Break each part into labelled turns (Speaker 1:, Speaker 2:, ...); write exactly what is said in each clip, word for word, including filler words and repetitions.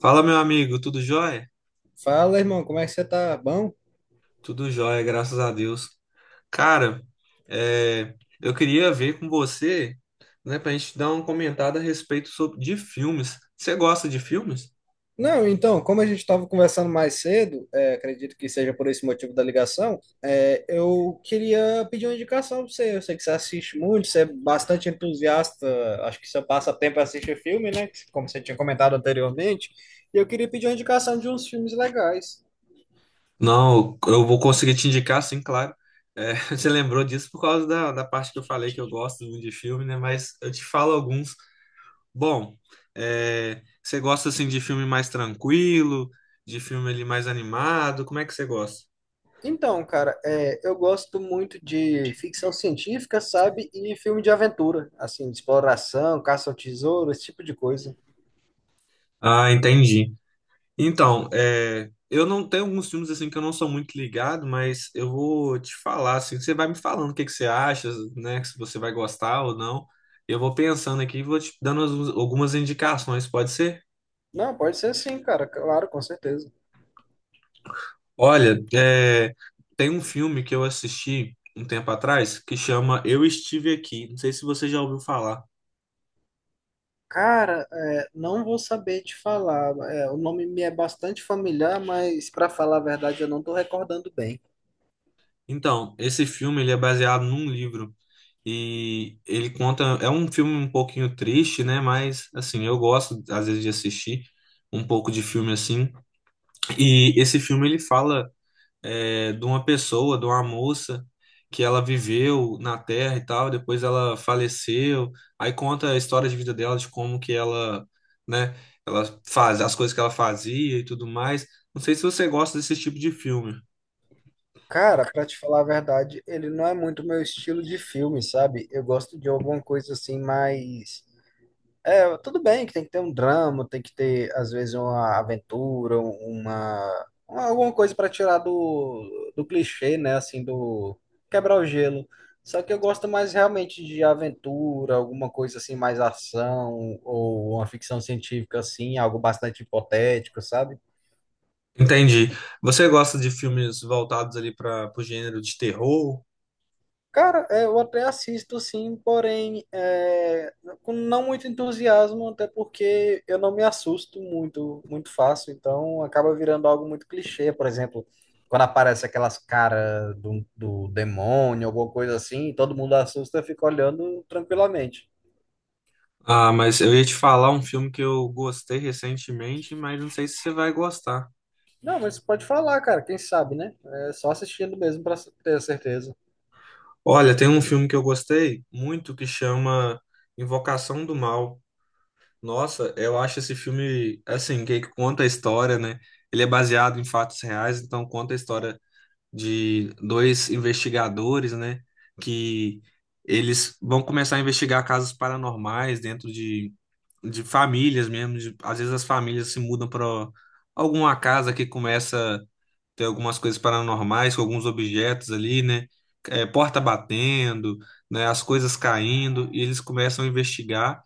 Speaker 1: Fala, meu amigo, tudo jóia?
Speaker 2: Fala, irmão, como é que você tá? Bom?
Speaker 1: Tudo jóia, graças a Deus. Cara, é, eu queria ver com você, né, pra gente dar uma comentada a respeito sobre, de filmes. Você gosta de filmes?
Speaker 2: Não, então, como a gente estava conversando mais cedo, é, acredito que seja por esse motivo da ligação, é, eu queria pedir uma indicação para você. Eu sei que você assiste muito, você é bastante entusiasta, acho que você passa tempo assistir filme, né? Como você tinha comentado anteriormente. E eu queria pedir uma indicação de uns filmes legais.
Speaker 1: Não, eu vou conseguir te indicar, sim, claro. É, você lembrou disso por causa da, da parte que eu falei que eu gosto muito de filme, né? Mas eu te falo alguns. Bom, é, você gosta, assim, de filme mais tranquilo, de filme ali mais animado? Como é que você gosta?
Speaker 2: Então, cara, é, eu gosto muito de ficção científica, sabe? E filme de aventura, assim, de exploração, caça ao tesouro, esse tipo de coisa.
Speaker 1: Ah, entendi. Então, é, eu não tenho alguns filmes assim que eu não sou muito ligado, mas eu vou te falar assim, você vai me falando o que que você acha, né, se você vai gostar ou não. Eu vou pensando aqui e vou te dando as- algumas indicações, pode ser?
Speaker 2: Não, pode ser sim, cara, claro, com certeza.
Speaker 1: Olha, é, tem um filme que eu assisti um tempo atrás que chama Eu Estive Aqui. Não sei se você já ouviu falar.
Speaker 2: Cara, é, não vou saber te falar. É, o nome me é bastante familiar, mas pra falar a verdade, eu não tô recordando bem.
Speaker 1: Então, esse filme ele é baseado num livro. E ele conta, é um filme um pouquinho triste, né? Mas assim, eu gosto às vezes de assistir um pouco de filme assim. E esse filme ele fala é, de uma pessoa, de uma moça que ela viveu na Terra e tal, depois ela faleceu. Aí conta a história de vida dela, de como que ela, né? Ela faz as coisas que ela fazia e tudo mais. Não sei se você gosta desse tipo de filme.
Speaker 2: Cara, pra te falar a verdade, ele não é muito meu estilo de filme, sabe? Eu gosto de alguma coisa assim mais. É, tudo bem que tem que ter um drama, tem que ter, às vezes, uma aventura, uma, uma- alguma coisa para tirar do, do clichê, né? Assim, do quebrar o gelo. Só que eu gosto mais realmente de aventura, alguma coisa assim, mais ação, ou uma ficção científica, assim, algo bastante hipotético, sabe?
Speaker 1: Entendi. Você gosta de filmes voltados ali para o gênero de terror?
Speaker 2: Cara, é, eu até assisto sim, porém é, com não muito entusiasmo, até porque eu não me assusto muito, muito fácil, então acaba virando algo muito clichê. Por exemplo, quando aparece aquelas caras do, do demônio, alguma coisa assim, e todo mundo assusta, fica olhando tranquilamente.
Speaker 1: Ah, mas eu ia te falar um filme que eu gostei recentemente, mas não sei se você vai gostar.
Speaker 2: Não, mas pode falar, cara, quem sabe, né? É só assistindo mesmo para ter certeza.
Speaker 1: Olha, tem um filme que eu gostei muito que chama Invocação do Mal. Nossa, eu acho esse filme, assim, que conta a história, né? Ele é baseado em fatos reais, então conta a história de dois investigadores, né? Que eles vão começar a investigar casos paranormais dentro de, de famílias mesmo. De- às vezes as famílias se mudam para alguma casa que começa tem algumas coisas paranormais, com alguns objetos ali, né? É, porta batendo, né? As coisas caindo, e eles começam a investigar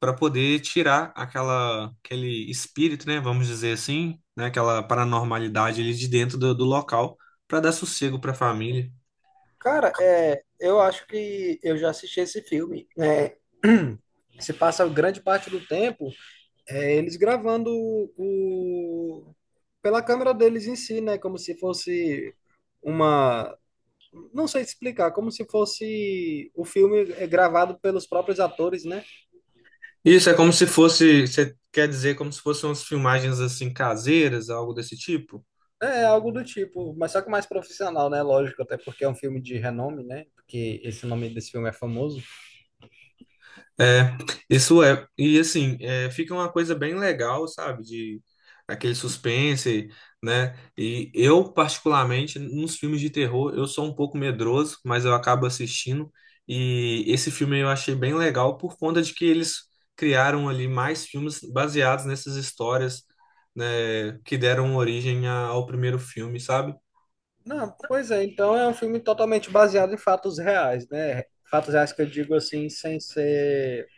Speaker 1: para poder tirar aquela, aquele espírito, né? Vamos dizer assim, né? Aquela paranormalidade ali de dentro do, do local para dar sossego para a família.
Speaker 2: Cara, é, eu acho que eu já assisti esse filme. É, se passa grande parte do tempo. É eles gravando o, pela câmera deles em si, né? Como se fosse uma. Não sei explicar, como se fosse o filme é gravado pelos próprios atores, né?
Speaker 1: Isso é como se fosse, você quer dizer, como se fossem umas filmagens assim caseiras, algo desse tipo?
Speaker 2: É algo do tipo, mas só que mais profissional, né? Lógico, até porque é um filme de renome, né? Porque esse nome desse filme é famoso.
Speaker 1: É, isso é. E assim, é, fica uma coisa bem legal, sabe? De aquele suspense, né? E eu, particularmente, nos filmes de terror, eu sou um pouco medroso, mas eu acabo assistindo. E esse filme eu achei bem legal por conta de que eles criaram ali mais filmes baseados nessas histórias, né, que deram origem a- ao primeiro filme, sabe?
Speaker 2: Não, pois é, então é um filme totalmente baseado em fatos reais, né? Fatos reais que eu digo assim, sem ser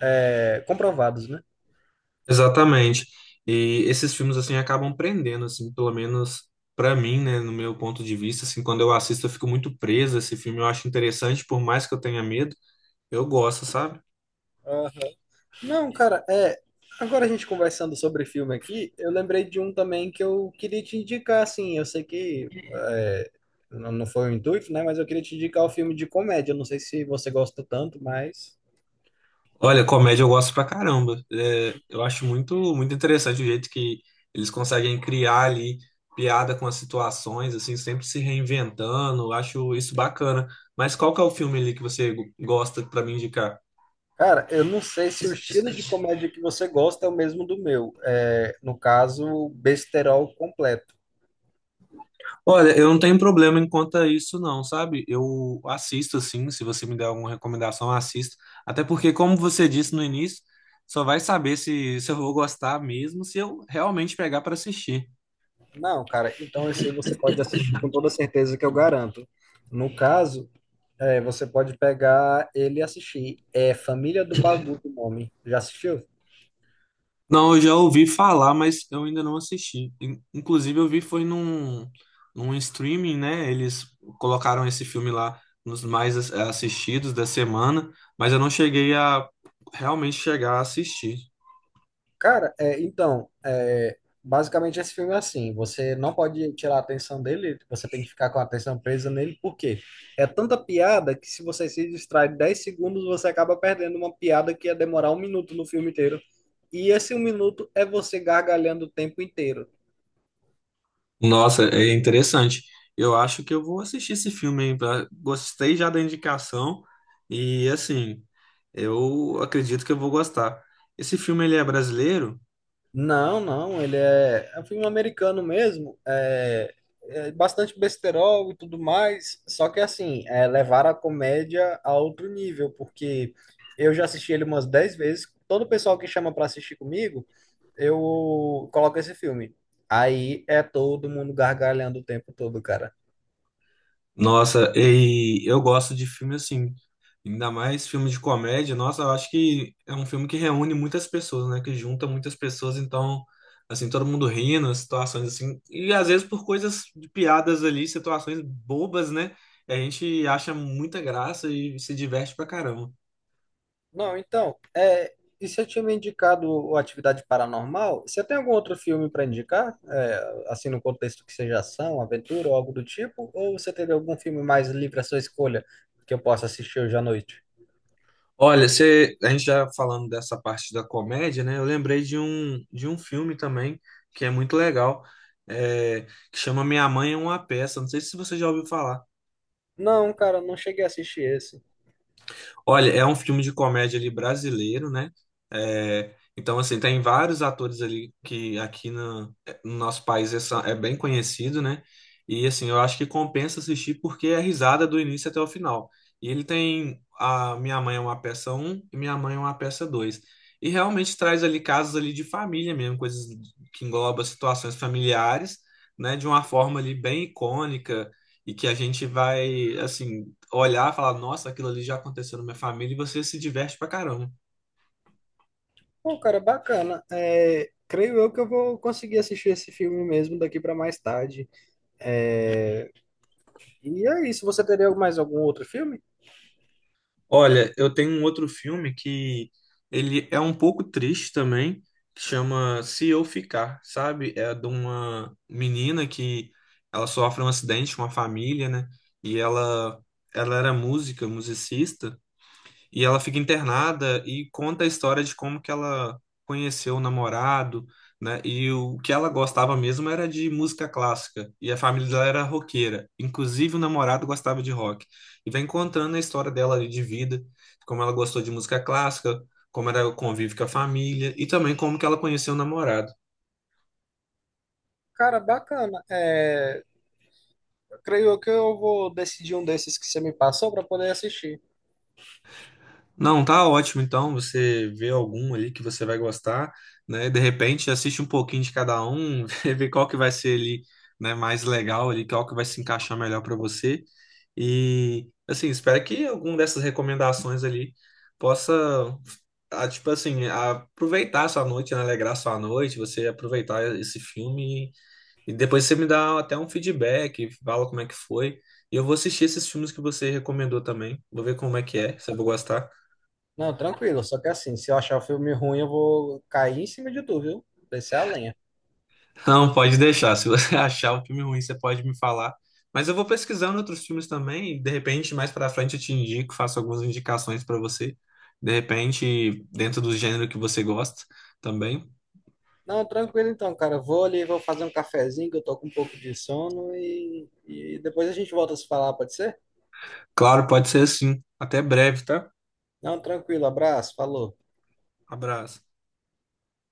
Speaker 2: é, comprovados, né?
Speaker 1: Exatamente. E esses filmes assim acabam prendendo assim, pelo menos pra mim, né, no meu ponto de vista, assim, quando eu assisto eu fico muito preso a esse filme, eu acho interessante, por mais que eu tenha medo, eu gosto, sabe?
Speaker 2: Não, cara, é. Agora a gente conversando sobre filme aqui, eu lembrei de um também que eu queria te indicar, assim. Eu sei que é, não não foi o intuito, né? Mas eu queria te indicar o filme de comédia. Eu não sei se você gosta tanto, mas.
Speaker 1: Olha, comédia eu gosto pra caramba. É, eu acho muito muito interessante o jeito que eles conseguem criar ali piada com as situações, assim, sempre se reinventando. Eu acho isso bacana. Mas qual que é o filme ali que você gosta pra me indicar?
Speaker 2: Cara, eu não sei se o estilo de comédia que você gosta é o mesmo do meu. É, no caso, besterol completo.
Speaker 1: Olha, eu não tenho problema em quanto a isso, não, sabe? Eu assisto, sim, se você me der alguma recomendação, eu assisto. Até porque, como você disse no início, só vai saber se, se eu vou gostar mesmo se eu realmente pegar para assistir.
Speaker 2: Não, cara, então esse aí você pode assistir com toda certeza que eu garanto. No caso. É, você pode pegar ele e assistir. É Família do Bagu, o nome. Já assistiu?
Speaker 1: Não, eu já ouvi falar, mas eu ainda não assisti. In- Inclusive, eu vi foi num, num streaming, né? Eles colocaram esse filme lá nos mais as- assistidos da semana, mas eu não cheguei a realmente chegar a assistir.
Speaker 2: Cara, é, então, é, basicamente esse filme é assim: você não pode tirar a atenção dele, você tem que ficar com a atenção presa nele, por quê? É tanta piada que se você se distrai dez segundos, você acaba perdendo uma piada que ia demorar um minuto no filme inteiro. E esse um minuto é você gargalhando o tempo inteiro.
Speaker 1: Nossa, é interessante. Eu acho que eu vou assistir esse filme, hein? pra- Gostei já da indicação e assim, eu acredito que eu vou gostar. Esse filme ele é brasileiro?
Speaker 2: Não, não, ele é, é um filme americano mesmo, é, é bastante besterol e tudo mais, só que assim, é levar a comédia a outro nível, porque eu já assisti ele umas dez vezes, todo pessoal que chama para assistir comigo, eu coloco esse filme. Aí é todo mundo gargalhando o tempo todo, cara.
Speaker 1: Nossa, e eu gosto de filme assim, ainda mais filme de comédia. Nossa, eu acho que é um filme que reúne muitas pessoas, né? Que junta muitas pessoas, então, assim, todo mundo rindo, situações assim. E às vezes por coisas de piadas ali, situações bobas, né? A gente acha muita graça e se diverte pra caramba.
Speaker 2: Não, então, é, e você tinha me indicado o Atividade Paranormal? Você tem algum outro filme para indicar? É, assim, no contexto que seja ação, aventura ou algo do tipo? Ou você teria algum filme mais livre à sua escolha que eu possa assistir hoje à noite?
Speaker 1: Olha, você, a gente já falando dessa parte da comédia, né? Eu lembrei de um, de um filme também que é muito legal, é, que chama Minha Mãe é uma Peça. Não sei se você já ouviu falar.
Speaker 2: Não, cara, não cheguei a assistir esse.
Speaker 1: Olha, é um filme de comédia ali brasileiro, né? É, então, assim, tem vários atores ali que aqui no, no nosso país é, só- é bem conhecido, né? E, assim, eu acho que compensa assistir porque é risada do início até o final. E ele tem a Minha Mãe é uma Peça um e Minha Mãe é uma Peça dois. E realmente traz ali casos ali de família mesmo, coisas que englobam situações familiares, né? De uma forma ali bem icônica e que a gente vai, assim, olhar e falar, nossa, aquilo ali já aconteceu na minha família e você se diverte pra caramba.
Speaker 2: Pô, cara, bacana. É, creio eu que eu vou conseguir assistir esse filme mesmo daqui para mais tarde. É, e é isso. Você teria mais algum outro filme?
Speaker 1: Olha, eu tenho um outro filme que ele é um pouco triste também, que chama Se Eu Ficar, sabe? É de uma menina que ela sofre um acidente com a família, né? E ela ela era música, musicista. E ela fica internada e conta a história de como que ela conheceu o namorado, né? E o que ela gostava mesmo era de música clássica. E a família dela era roqueira. Inclusive o namorado gostava de rock. E vai contando a história dela ali de vida, como ela gostou de música clássica, como era o convívio com a família e também como que ela conheceu o namorado.
Speaker 2: Cara, bacana. É, creio que eu vou decidir um desses que você me passou para poder assistir.
Speaker 1: Não, tá ótimo. Então, você vê algum ali que você vai gostar, né? De repente, assiste um pouquinho de cada um, vê qual que vai ser ali, né, mais legal ali, qual que vai se encaixar melhor para você. E assim, espero que alguma dessas recomendações ali possa, ah, tipo assim, aproveitar a sua noite, né, alegrar a sua noite, você aproveitar esse filme e e depois você me dá até um feedback, fala como é que foi. E eu vou assistir esses filmes que você recomendou também. Vou ver como é que é, se eu vou gostar.
Speaker 2: Não, tranquilo, só que assim, se eu achar o filme ruim, eu vou cair em cima de tu, viu? Descer a lenha.
Speaker 1: Não, pode deixar. Se você achar o filme ruim, você pode me falar. Mas eu vou pesquisando outros filmes também. e De repente, mais pra frente, eu te indico, faço algumas indicações pra você. De repente, dentro do gênero que você gosta também.
Speaker 2: Não, tranquilo então, cara. Vou ali, vou fazer um cafezinho, que eu tô com um pouco de sono e, e depois a gente volta a se falar, pode ser?
Speaker 1: Claro, pode ser assim. Até breve, tá?
Speaker 2: Não, tranquilo, abraço, falou.
Speaker 1: Abraço.